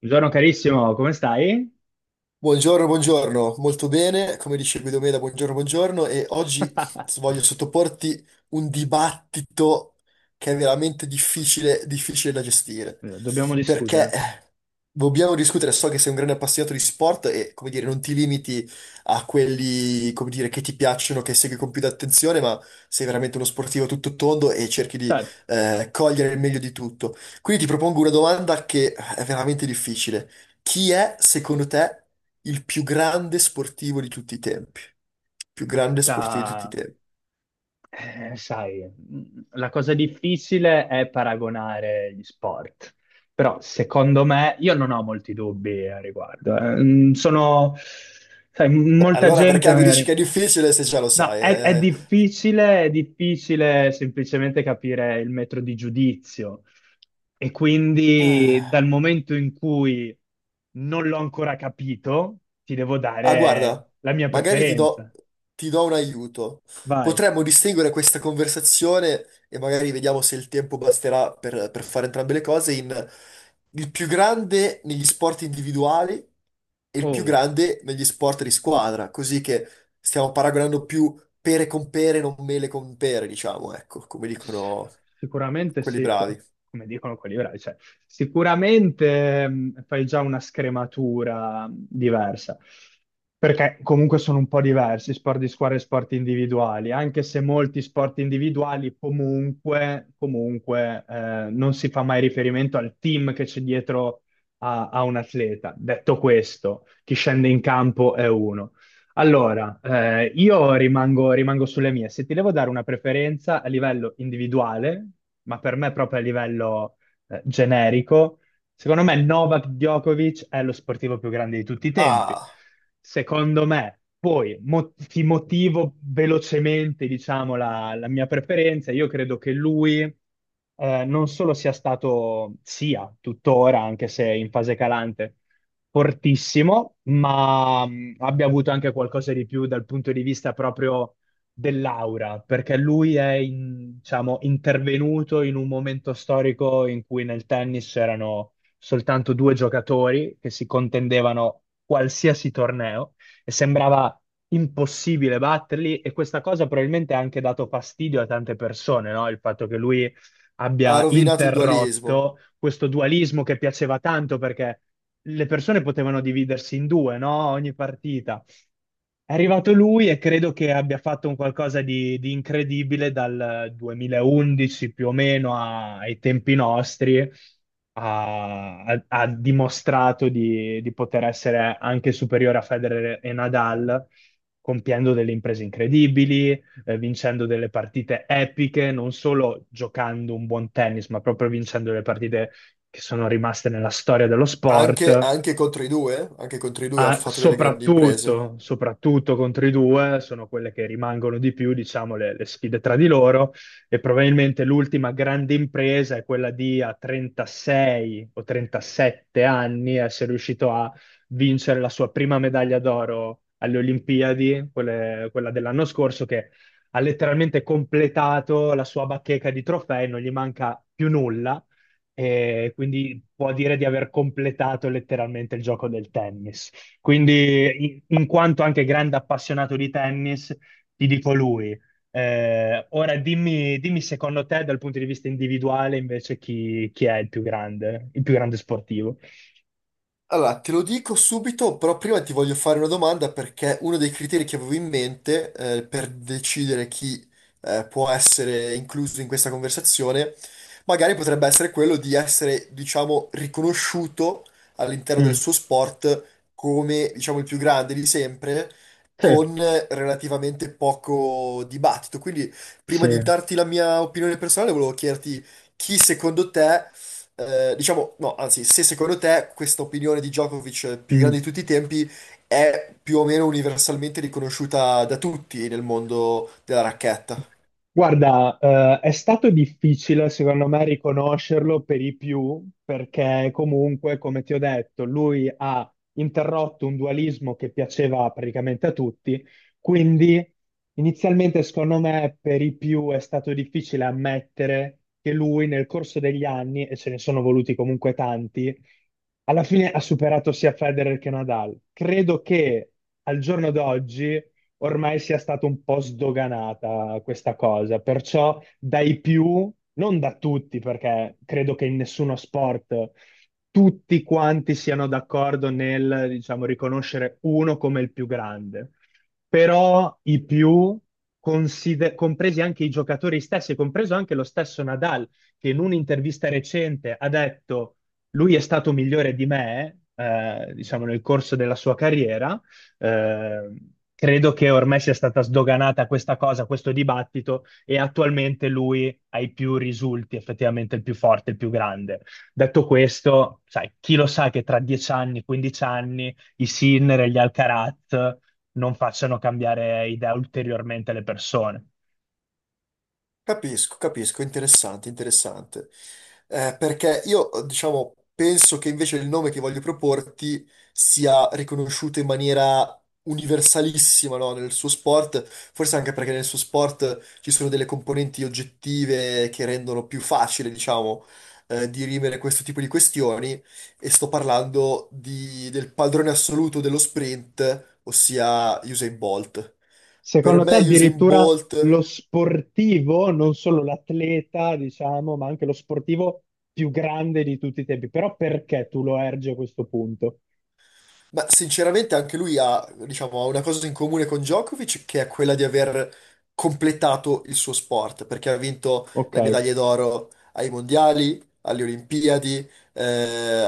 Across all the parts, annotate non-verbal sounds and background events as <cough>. Buongiorno carissimo, come stai? Buongiorno, buongiorno, molto bene, come dicevi Guidomeda, buongiorno, buongiorno e oggi <laughs> voglio sottoporti un dibattito che è veramente difficile, difficile da gestire, Dobbiamo perché discutere. Dobbiamo discutere, so che sei un grande appassionato di sport e, come dire, non ti limiti a quelli, come dire, che ti piacciono, che segui con più attenzione, ma sei veramente uno sportivo tutto tondo e cerchi di Cioè, in cogliere il meglio di tutto. Quindi ti propongo una domanda che è veramente difficile. Chi è, secondo te, il più grande sportivo di tutti i tempi? Più grande sportivo di tutti i realtà, tempi. La cosa difficile è paragonare gli sport. Però, secondo me, io non ho molti dubbi a riguardo. Sono, Beh, molta allora gente perché mi dici che magari. è difficile se già lo No, sai, eh? È difficile semplicemente capire il metro di giudizio e quindi Ah. dal momento in cui non l'ho ancora capito, ti devo Ah, dare guarda, la mia magari preferenza. ti do un aiuto. Vai. Potremmo distinguere questa conversazione e magari vediamo se il tempo basterà per fare entrambe le cose: in il più grande negli sport individuali e il più Oh. grande negli sport di squadra, così che stiamo paragonando più pere con pere, non mele con pere, diciamo, ecco, come dicono Sicuramente quelli sì, bravi. come dicono quelli bravi, cioè, sicuramente fai già una scrematura diversa, perché comunque sono un po' diversi sport di squadra e sport individuali, anche se molti sport individuali comunque, comunque, non si fa mai riferimento al team che c'è dietro a, a un atleta. Detto questo, chi scende in campo è uno. Allora, io rimango sulle mie. Se ti devo dare una preferenza a livello individuale, ma per me proprio a livello generico, secondo me Novak Djokovic è lo sportivo più grande di tutti i tempi. Ah, Secondo me, poi ti motivo velocemente, diciamo, la mia preferenza. Io credo che lui non solo sia stato, sia tuttora, anche se in fase calante, fortissimo, ma abbia avuto anche qualcosa di più dal punto di vista proprio dell'aura, perché lui è, diciamo, intervenuto in un momento storico in cui nel tennis c'erano soltanto due giocatori che si contendevano qualsiasi torneo e sembrava impossibile batterli, e questa cosa probabilmente ha anche dato fastidio a tante persone, no? Il fatto che lui ha abbia rovinato il dualismo. interrotto questo dualismo che piaceva tanto, perché le persone potevano dividersi in due, no? Ogni partita è arrivato lui e credo che abbia fatto un qualcosa di incredibile dal 2011 più o meno ai tempi nostri. Ha dimostrato di poter essere anche superiore a Federer e Nadal, compiendo delle imprese incredibili, vincendo delle partite epiche, non solo giocando un buon tennis, ma proprio vincendo le partite che sono rimaste nella storia dello Anche, sport. anche contro i due, anche contro i due ha Ah, fatto delle grandi imprese. Soprattutto contro i due, sono quelle che rimangono di più, diciamo, le sfide tra di loro, e probabilmente l'ultima grande impresa è quella di a 36 o 37 anni essere riuscito a vincere la sua prima medaglia d'oro alle Olimpiadi, quella dell'anno scorso, che ha letteralmente completato la sua bacheca di trofei, non gli manca più nulla e quindi può dire di aver completato letteralmente il gioco del tennis. Quindi, in quanto anche grande appassionato di tennis, ti dico lui. Ora dimmi secondo te, dal punto di vista individuale, invece, chi è il più grande sportivo? Allora, te lo dico subito, però prima ti voglio fare una domanda, perché uno dei criteri che avevo in mente, per decidere chi può essere incluso in questa conversazione, magari potrebbe essere quello di essere, diciamo, riconosciuto all'interno del Mm. suo sport come, diciamo, il più grande di sempre, Sì, con relativamente poco dibattito. Quindi, prima di sì. darti la mia opinione personale, volevo chiederti chi secondo te, diciamo, no, anzi, se secondo te questa opinione di Djokovic, più grande Mm. di tutti i tempi, è più o meno universalmente riconosciuta da tutti nel mondo della racchetta. Guarda, è stato difficile secondo me riconoscerlo per i più, perché comunque, come ti ho detto, lui ha interrotto un dualismo che piaceva praticamente a tutti, quindi inizialmente secondo me per i più è stato difficile ammettere che lui nel corso degli anni, e ce ne sono voluti comunque tanti, alla fine ha superato sia Federer che Nadal. Credo che al giorno d'oggi ormai sia stata un po' sdoganata questa cosa, perciò dai più, non da tutti, perché credo che in nessuno sport tutti quanti siano d'accordo nel, diciamo, riconoscere uno come il più grande, però i più, compresi anche i giocatori stessi, compreso anche lo stesso Nadal, che in un'intervista recente ha detto lui è stato migliore di me, diciamo, nel corso della sua carriera, eh, credo che ormai sia stata sdoganata questa cosa, questo dibattito, e attualmente lui ha i più risulti, effettivamente il più forte, il più grande. Detto questo, sai, chi lo sa che tra 10 anni, 15 anni, i Sinner e gli Alcaraz non facciano cambiare idea ulteriormente le persone. Capisco, capisco, interessante, interessante. Perché io, diciamo, penso che invece il nome che voglio proporti sia riconosciuto in maniera universalissima, no, nel suo sport, forse anche perché nel suo sport ci sono delle componenti oggettive che rendono più facile, diciamo, dirimere questo tipo di questioni. E sto parlando del padrone assoluto dello sprint, ossia Usain Bolt. Per Secondo te me Usain addirittura Bolt, lo sportivo, non solo l'atleta, diciamo, ma anche lo sportivo più grande di tutti i tempi. Però perché tu lo ergi a questo punto? ma sinceramente anche lui ha, diciamo, ha una cosa in comune con Djokovic che è quella di aver completato il suo sport, perché ha vinto Ok. le medaglie d'oro ai mondiali, alle Olimpiadi, eh,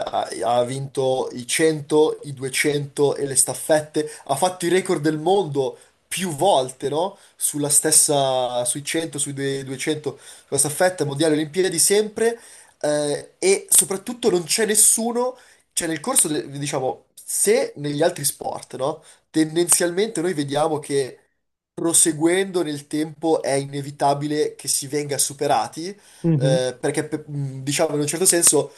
ha, ha vinto i 100, i 200 e le staffette, ha fatto i record del mondo più volte, no? Sulla stessa, sui 100, sui 200, sulla staffetta, mondiali, Olimpiadi sempre, e soprattutto non c'è nessuno, cioè, nel corso, diciamo, se negli altri sport, no? Tendenzialmente noi vediamo che proseguendo nel tempo è inevitabile che si venga superati, Mhm. Perché, diciamo, in un certo senso,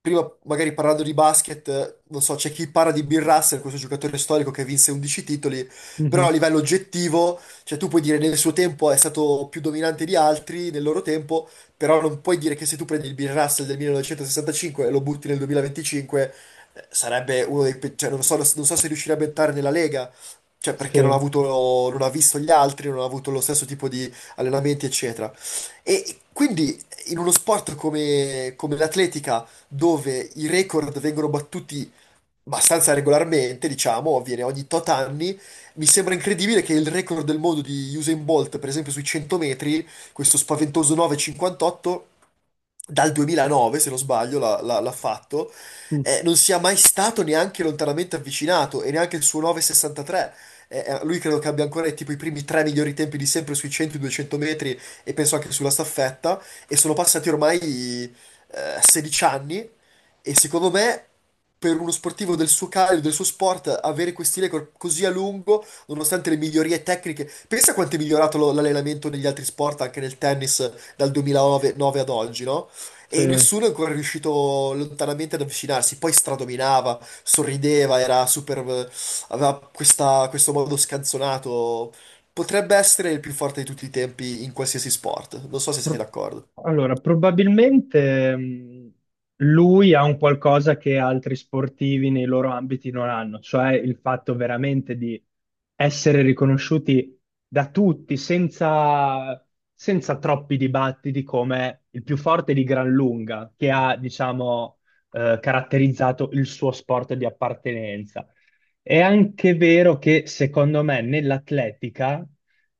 prima magari parlando di basket, non so, c'è chi parla di Bill Russell, questo giocatore storico che vinse 11 titoli, però a Mhm. livello oggettivo, cioè tu puoi dire nel suo tempo è stato più dominante di altri, nel loro tempo, però non puoi dire che se tu prendi il Bill Russell del 1965 e lo butti nel 2025, sarebbe uno dei... cioè, non so, non so se riuscirebbe a entrare nella Lega, cioè perché non ha Sì. avuto, non ha visto gli altri, non ha avuto lo stesso tipo di allenamenti, eccetera. E quindi in uno sport come come l'atletica, dove i record vengono battuti abbastanza regolarmente, diciamo, avviene ogni tot anni. Mi sembra incredibile che il record del mondo di Usain Bolt, per esempio sui 100 metri, questo spaventoso 9,58, dal 2009, se non sbaglio, l'ha fatto, Mm. Non sia mai stato neanche lontanamente avvicinato, e neanche il suo 9,63. Lui credo che abbia ancora, tipo i primi tre migliori tempi di sempre sui 100-200 metri, e penso anche sulla staffetta, e sono passati ormai, 16 anni, e secondo me per uno sportivo del suo calibro, del suo sport, avere questi record così a lungo, nonostante le migliorie tecniche. Pensa quanto è migliorato l'allenamento negli altri sport, anche nel tennis, dal 2009 9 ad oggi, no? Sì. E nessuno è ancora riuscito lontanamente ad avvicinarsi. Poi stradominava, sorrideva, era super, aveva questo modo scanzonato. Potrebbe essere il più forte di tutti i tempi in qualsiasi sport. Non so se sei Pro- d'accordo. Allora, probabilmente lui ha un qualcosa che altri sportivi nei loro ambiti non hanno, cioè il fatto veramente di essere riconosciuti da tutti senza, senza troppi dibattiti come il più forte di gran lunga, che ha, diciamo, caratterizzato il suo sport di appartenenza. È anche vero che secondo me nell'atletica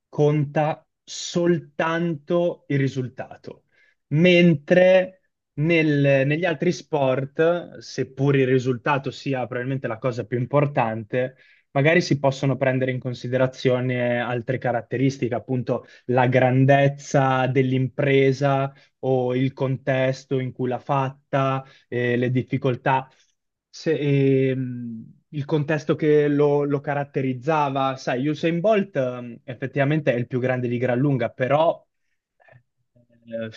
conta soltanto il risultato, mentre negli altri sport, seppur il risultato sia probabilmente la cosa più importante, magari si possono prendere in considerazione altre caratteristiche, appunto la grandezza dell'impresa o il contesto in cui l'ha fatta, le difficoltà, se- ehm, il contesto che lo caratterizzava. Sai, Usain Bolt effettivamente è il più grande di gran lunga, però eh, eh,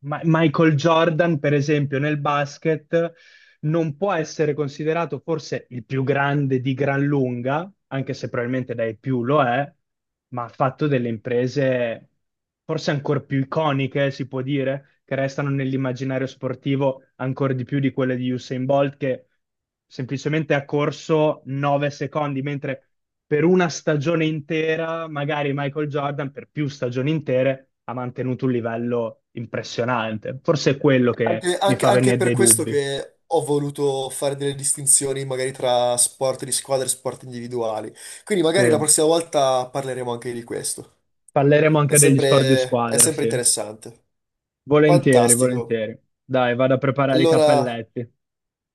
Michael Jordan, per esempio, nel basket non può essere considerato forse il più grande di gran lunga, anche se probabilmente dai più lo è, ma ha fatto delle imprese forse ancora più iconiche, si può dire, che restano nell'immaginario sportivo ancora di più di quelle di Usain Bolt, che semplicemente ha corso 9 secondi, mentre per una stagione intera, magari Michael Jordan per più stagioni intere ha mantenuto un livello impressionante. Forse è quello che Anche, mi fa anche venire per dei questo dubbi. che ho voluto fare delle distinzioni magari tra sport di squadra e sport individuali. Quindi Sì, magari la prossima volta parleremo anche di questo. parleremo anche degli sport di È squadra, sempre sì. interessante. Volentieri, Fantastico. volentieri. Dai, vado a preparare i Allora cappelletti.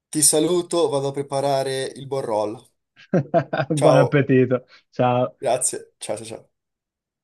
ti saluto, vado a preparare il buon roll. <laughs> Buon Ciao, appetito. Ciao. grazie. Ciao, ciao, ciao.